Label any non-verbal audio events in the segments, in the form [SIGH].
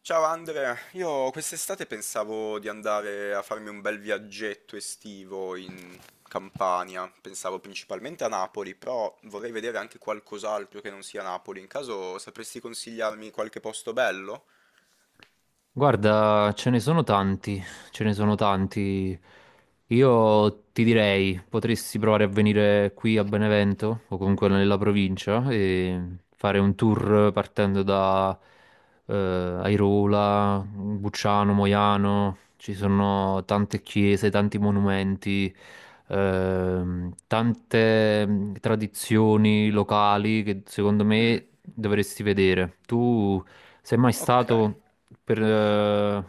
Ciao Andrea, io quest'estate pensavo di andare a farmi un bel viaggetto estivo in Campania, pensavo principalmente a Napoli, però vorrei vedere anche qualcos'altro che non sia Napoli. In caso sapresti consigliarmi qualche posto bello? Guarda, ce ne sono tanti, ce ne sono tanti. Io ti direi, potresti provare a venire qui a Benevento o comunque nella provincia e fare un tour partendo da Airola, Bucciano, Moiano. Ci sono tante chiese, tanti monumenti, tante tradizioni locali che secondo Mm, me dovresti vedere. Tu sei mai ok. stato per, eh,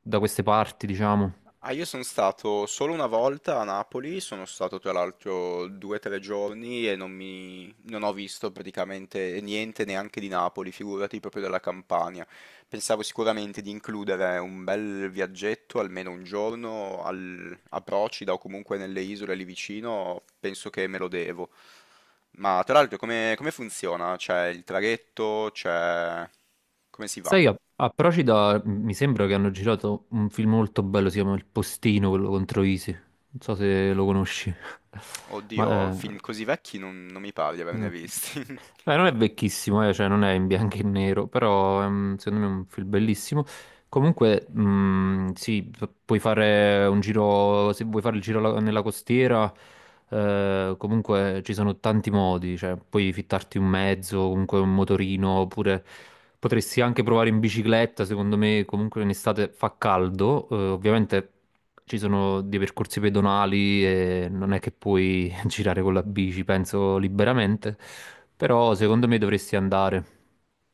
da queste parti, diciamo. Ah, io sono stato solo una volta a Napoli, sono stato tra l'altro due o tre giorni e non ho visto praticamente niente neanche di Napoli, figurati proprio della Campania. Pensavo sicuramente di includere un bel viaggetto, almeno un giorno a Procida o comunque nelle isole lì vicino, penso che me lo devo. Ma tra l'altro come funziona? C'è il traghetto, c'è come si va? Sai, a Procida mi sembra che hanno girato un film molto bello, si chiama Il Postino, quello contro Isi. Non so se lo conosci. [LAUGHS] Oddio, Ma, film così vecchi non mi pare di eh, mm. averne visti. Beh, [LAUGHS] non è vecchissimo, cioè non è in bianco e nero, però secondo me è un film bellissimo. Comunque, sì, puoi fare un giro, se vuoi fare il giro nella costiera, comunque ci sono tanti modi, cioè puoi fittarti un mezzo, comunque un motorino, oppure potresti anche provare in bicicletta, secondo me comunque in estate fa caldo, ovviamente ci sono dei percorsi pedonali e non è che puoi [LAUGHS] girare con la bici, penso liberamente, però secondo me dovresti andare.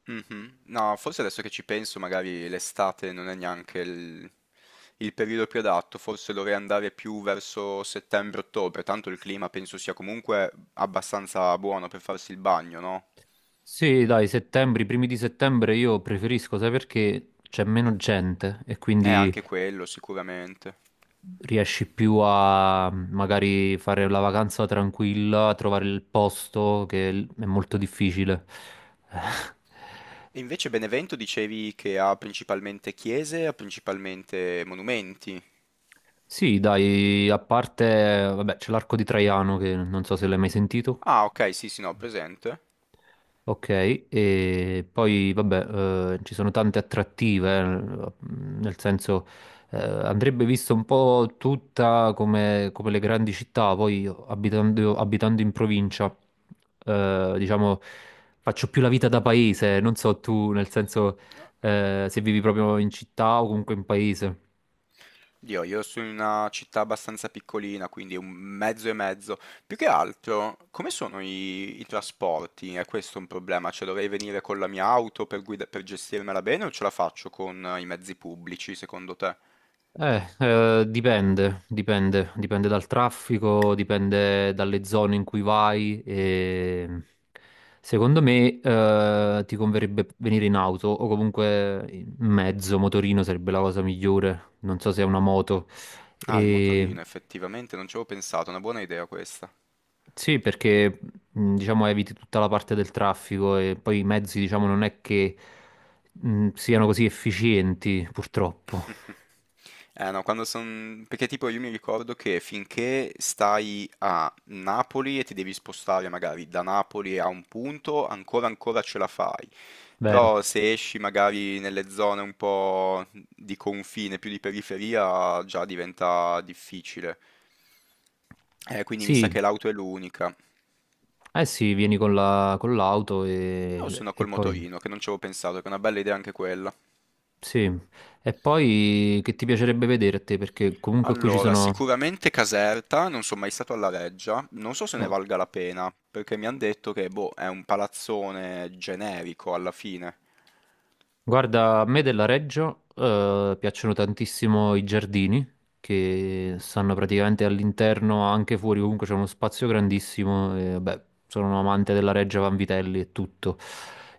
Mh-mh. No, forse adesso che ci penso magari l'estate non è neanche il periodo più adatto, forse dovrei andare più verso settembre-ottobre, tanto il clima penso sia comunque abbastanza buono per farsi il bagno, no? Sì, dai, settembre, i primi di settembre io preferisco, sai perché c'è meno gente e quindi Anche quello sicuramente. riesci più a magari fare la vacanza tranquilla, a trovare il posto che è molto difficile. Mh. [LAUGHS] Eh, E invece Benevento dicevi che ha principalmente chiese, ha principalmente monumenti. Sì, dai, a parte, vabbè, c'è l'arco di Traiano che non so se l'hai mai sentito. Ah, ok, sì, sì, no, ho presente. Ok, e poi vabbè, ci sono tante attrattive, nel senso andrebbe vista un po' tutta come, come le grandi città, poi io, abitando in provincia, diciamo, faccio più la vita da paese, non so tu, nel senso se vivi proprio in città o comunque in paese. Dio, io sono in una città abbastanza piccolina, quindi un mezzo e mezzo. Più che altro, come sono i trasporti? È questo un problema? Cioè, dovrei venire con la mia auto per per gestirmela bene o ce la faccio con i mezzi pubblici, secondo te? Dipende dal traffico, dipende dalle zone in cui vai. E... Secondo me, ti converrebbe venire in auto o comunque in mezzo, motorino sarebbe la cosa migliore. Non so se è una moto. Ah, il E... motorino, effettivamente, non ci avevo pensato, una buona idea questa. Sì, perché diciamo eviti tutta la parte del traffico e poi i mezzi, diciamo, non è che siano così efficienti, purtroppo. [LAUGHS] Eh no, quando son perché tipo io mi ricordo che finché stai a Napoli e ti devi spostare magari da Napoli a un punto, ancora ce la fai. Vero. Però se esci magari nelle zone un po' di confine, più di periferia, già diventa difficile. Quindi mi sa Sì, che l'auto è l'unica. eh sì, vieni con con l'auto O se no e col poi... motorino, che non ci avevo pensato, che è una bella idea anche quella. Sì, e poi che ti piacerebbe vedere a te? Perché comunque qui ci Allora, sono... sicuramente Caserta, non sono mai stato alla Reggia, non so se ne valga la pena, perché mi hanno detto che, boh, è un palazzone generico alla fine. Guarda, a me della Reggio piacciono tantissimo i giardini che stanno praticamente all'interno, anche fuori, comunque c'è uno spazio grandissimo. E, vabbè, sono un amante della Reggio Vanvitelli e tutto.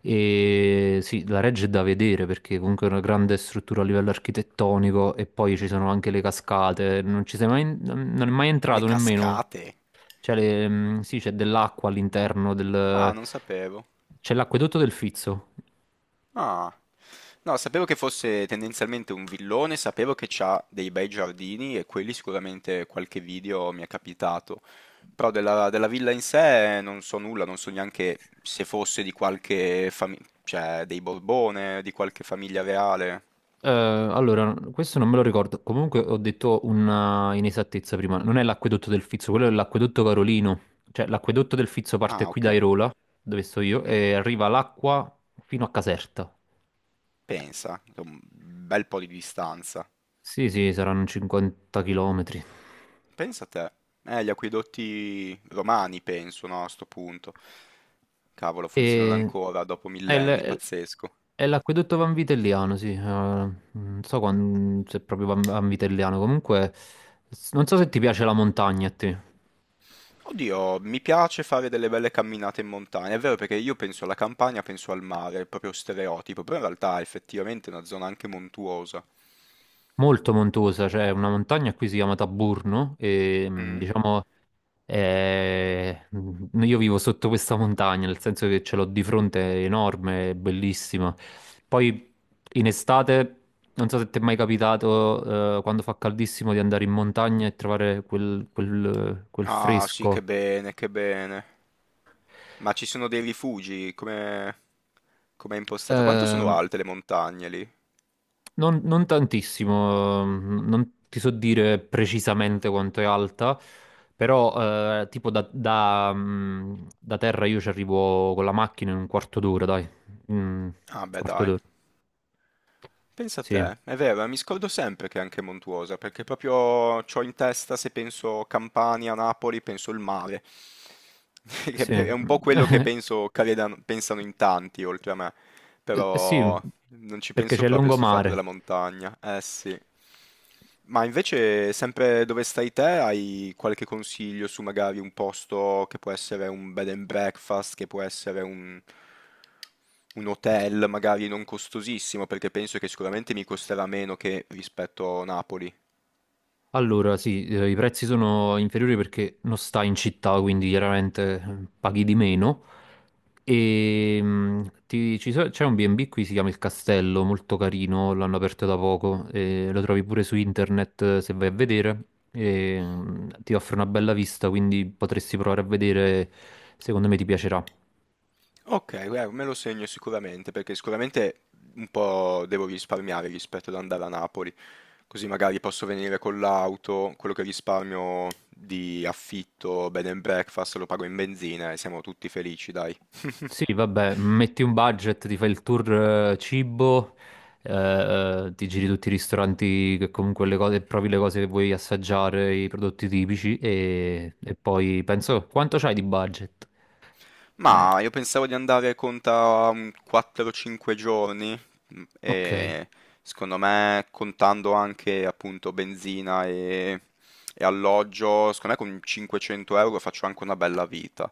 E sì, la Reggio è da vedere perché comunque è una grande struttura a livello architettonico e poi ci sono anche le cascate. Non ci sei mai, non è mai Le entrato nemmeno. cascate? Cioè, sì, c'è dell'acqua all'interno Ah, del... non sapevo. C'è l'acquedotto del Fizzo. Ah, no, sapevo che fosse tendenzialmente un villone, sapevo che c'ha dei bei giardini e quelli sicuramente qualche video mi è capitato. Però della villa in sé non so nulla, non so neanche se fosse di qualche famiglia, cioè dei Borbone, di qualche famiglia reale. Allora, questo non me lo ricordo. Comunque ho detto una inesattezza prima. Non è l'acquedotto del Fizzo, quello è l'acquedotto Carolino. Cioè, l'acquedotto del Fizzo parte Ah, qui da ok. Airola, dove sto io, Mm, e arriva l'acqua fino a Caserta. pensa, un bel po' di distanza. Sì, sì, saranno 50 chilometri. Pensa a te. Gli acquedotti romani, penso, no, a sto punto. Cavolo, funzionano E... ancora dopo È millenni, pazzesco. è l'acquedotto Vanvitelliano, sì. Non so se è proprio Vanvitelliano. Comunque, non so se ti piace la montagna a te. Oddio, mi piace fare delle belle camminate in montagna, è vero perché io penso alla campagna, penso al mare, è proprio stereotipo, però in realtà è effettivamente è una zona anche montuosa. Molto montuosa, c'è una montagna qui si chiama Taburno e Mm? diciamo io vivo sotto questa montagna, nel senso che ce l'ho di fronte, è enorme, è bellissima. Poi in estate, non so se ti è mai capitato quando fa caldissimo di andare in montagna e trovare quel Ah, sì, che fresco. bene, che bene. Ma ci sono dei rifugi, come com'è impostata? Quanto sono Ehm, alte le montagne lì? non tantissimo, non ti so dire precisamente quanto è alta, però tipo da terra io ci arrivo con la macchina in un quarto d'ora, dai. Mm, Ah beh quarto dai, d'ora, pensa a sì, te, è vero, mi scordo sempre che è anche montuosa, perché proprio ho in testa, se penso Campania, Napoli, penso il mare, [LAUGHS] che sì. è un po' quello che [LAUGHS] penso, che pensano in tanti, oltre a me. Sì, Però non ci perché penso c'è il proprio a sto fatto lungomare. della montagna. Eh sì. Ma invece, sempre dove stai te, hai qualche consiglio su magari un posto che può essere un bed and breakfast, che può un hotel magari non costosissimo, perché penso che sicuramente mi costerà meno che rispetto a Napoli. Allora, sì, i prezzi sono inferiori perché non stai in città, quindi chiaramente paghi di meno. E c'è un B&B qui, si chiama Il Castello, molto carino, l'hanno aperto da poco, e lo trovi pure su internet se vai a vedere. Ti offre una bella vista, quindi potresti provare a vedere, secondo me ti piacerà. Ok, me lo segno sicuramente, perché sicuramente un po' devo risparmiare rispetto ad andare a Napoli, così magari posso venire con l'auto, quello che risparmio di affitto, bed and breakfast, lo pago in benzina e siamo tutti felici, dai. Sì, [LAUGHS] vabbè, metti un budget, ti fai il tour cibo, eh, ti giri tutti i ristoranti che comunque le cose, provi le cose che vuoi assaggiare, i prodotti tipici e poi penso quanto c'hai di budget? Ma io pensavo di andare conta un 4-5 giorni mm, Ok, e secondo me contando anche appunto e alloggio, secondo me con 500 € faccio anche una bella vita.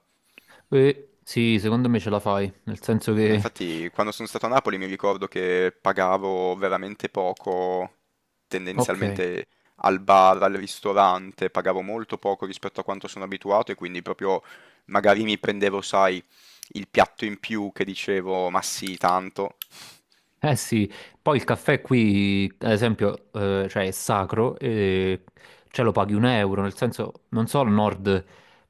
eh, sì, secondo me ce la fai, nel senso Ma che infatti quando sono stato a Napoli mi ricordo che pagavo veramente poco, ok. tendenzialmente al bar, al ristorante, pagavo molto poco rispetto a quanto sono abituato e quindi proprio magari mi prendevo, sai, il piatto in più che dicevo, ma sì, tanto. Eh sì, poi il caffè qui, ad esempio, cioè è sacro e ce lo paghi un euro, nel senso, non so, al nord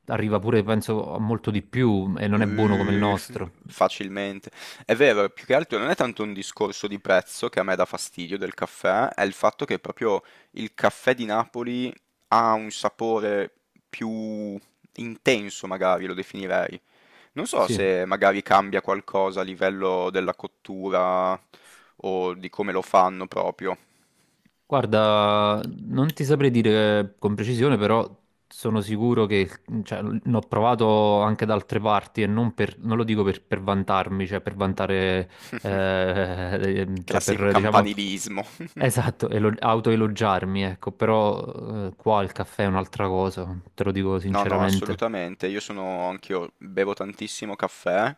arriva pure, penso, a molto di più e non è buono come il F- nostro. facilmente. È vero, più che altro non è tanto un discorso di prezzo che a me dà fastidio del caffè, è il fatto che proprio il caffè di Napoli ha un sapore più intenso, magari lo definirei. Non so Sì. se magari cambia qualcosa a livello della cottura o di come lo fanno proprio. Guarda, non ti saprei dire con precisione, però sono sicuro che cioè, l'ho provato anche da altre parti non lo dico per vantarmi, cioè per vantare, [LAUGHS] [LAUGHS] cioè Classico per diciamo, campanilismo. [LAUGHS] esatto, autoelogiarmi, ecco, però qua il caffè è un'altra cosa, te lo dico No, no, sinceramente. assolutamente. Io sono anch'io, bevo tantissimo caffè,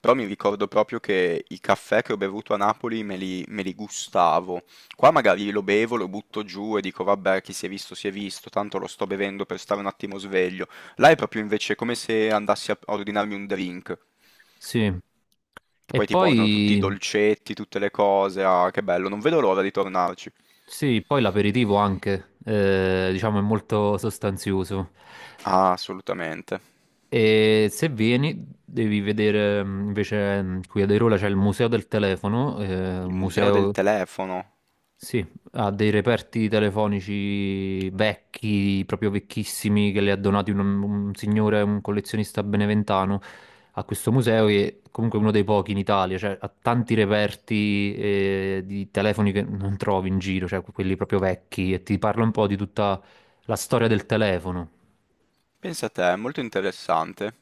però mi ricordo proprio che i caffè che ho bevuto a Napoli me li gustavo. Qua magari lo bevo, lo butto giù e dico vabbè, chi si è visto, tanto lo sto bevendo per stare un attimo sveglio. Là è proprio invece come se andassi a ordinarmi un drink. Sì. Che E poi ti portano tutti i poi, dolcetti, tutte le cose. Ah, che bello, non vedo l'ora di tornarci. sì, poi l'aperitivo anche, diciamo, è molto sostanzioso. Ah, assolutamente. E se vieni, devi vedere qui ad Airola c'è il museo del telefono, Il un museo del museo telefono. sì, ha dei reperti telefonici vecchi, proprio vecchissimi, che le ha donati un signore, un collezionista beneventano a questo museo, che è comunque uno dei pochi in Italia, cioè ha tanti reperti di telefoni che non trovi in giro, cioè quelli proprio vecchi, e ti parla un po' di tutta la storia del telefono. Pensa te, è molto interessante.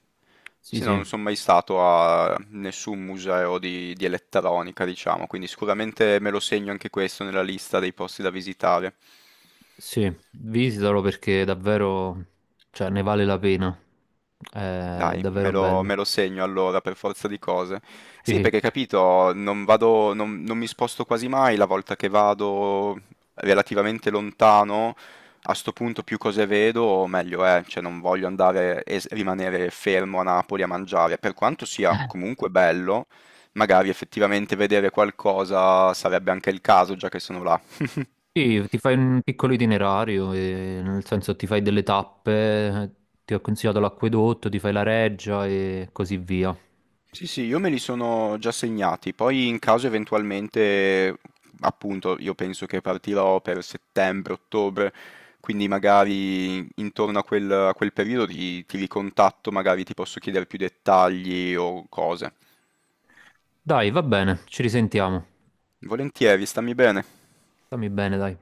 Sì, Sì, no, sì. non sono mai stato a nessun museo di elettronica, diciamo, quindi sicuramente me lo segno anche questo nella lista dei posti da visitare. Sì, visitalo perché davvero, cioè, ne vale la pena. È Dai, davvero bello. me lo segno allora per forza di cose. Sì, Sì, perché capito, non vado, non mi sposto quasi mai la volta che vado relativamente lontano, a sto punto più cose vedo, meglio è, cioè non voglio andare e rimanere fermo a Napoli a mangiare, per quanto sia comunque bello, magari effettivamente vedere qualcosa sarebbe anche il caso, già che sono là. [LAUGHS] sì, ti fai un piccolo itinerario, nel senso ti fai delle tappe, ti ho consigliato l'acquedotto, ti fai la reggia e così via. Sì, sì, io me li sono già segnati, poi in caso eventualmente, appunto, io penso che partirò per settembre, ottobre, quindi magari intorno a a quel periodo ti ricontatto, magari ti posso chiedere più dettagli o cose. Dai, va bene, ci risentiamo. Volentieri, stammi bene. Stammi bene, dai.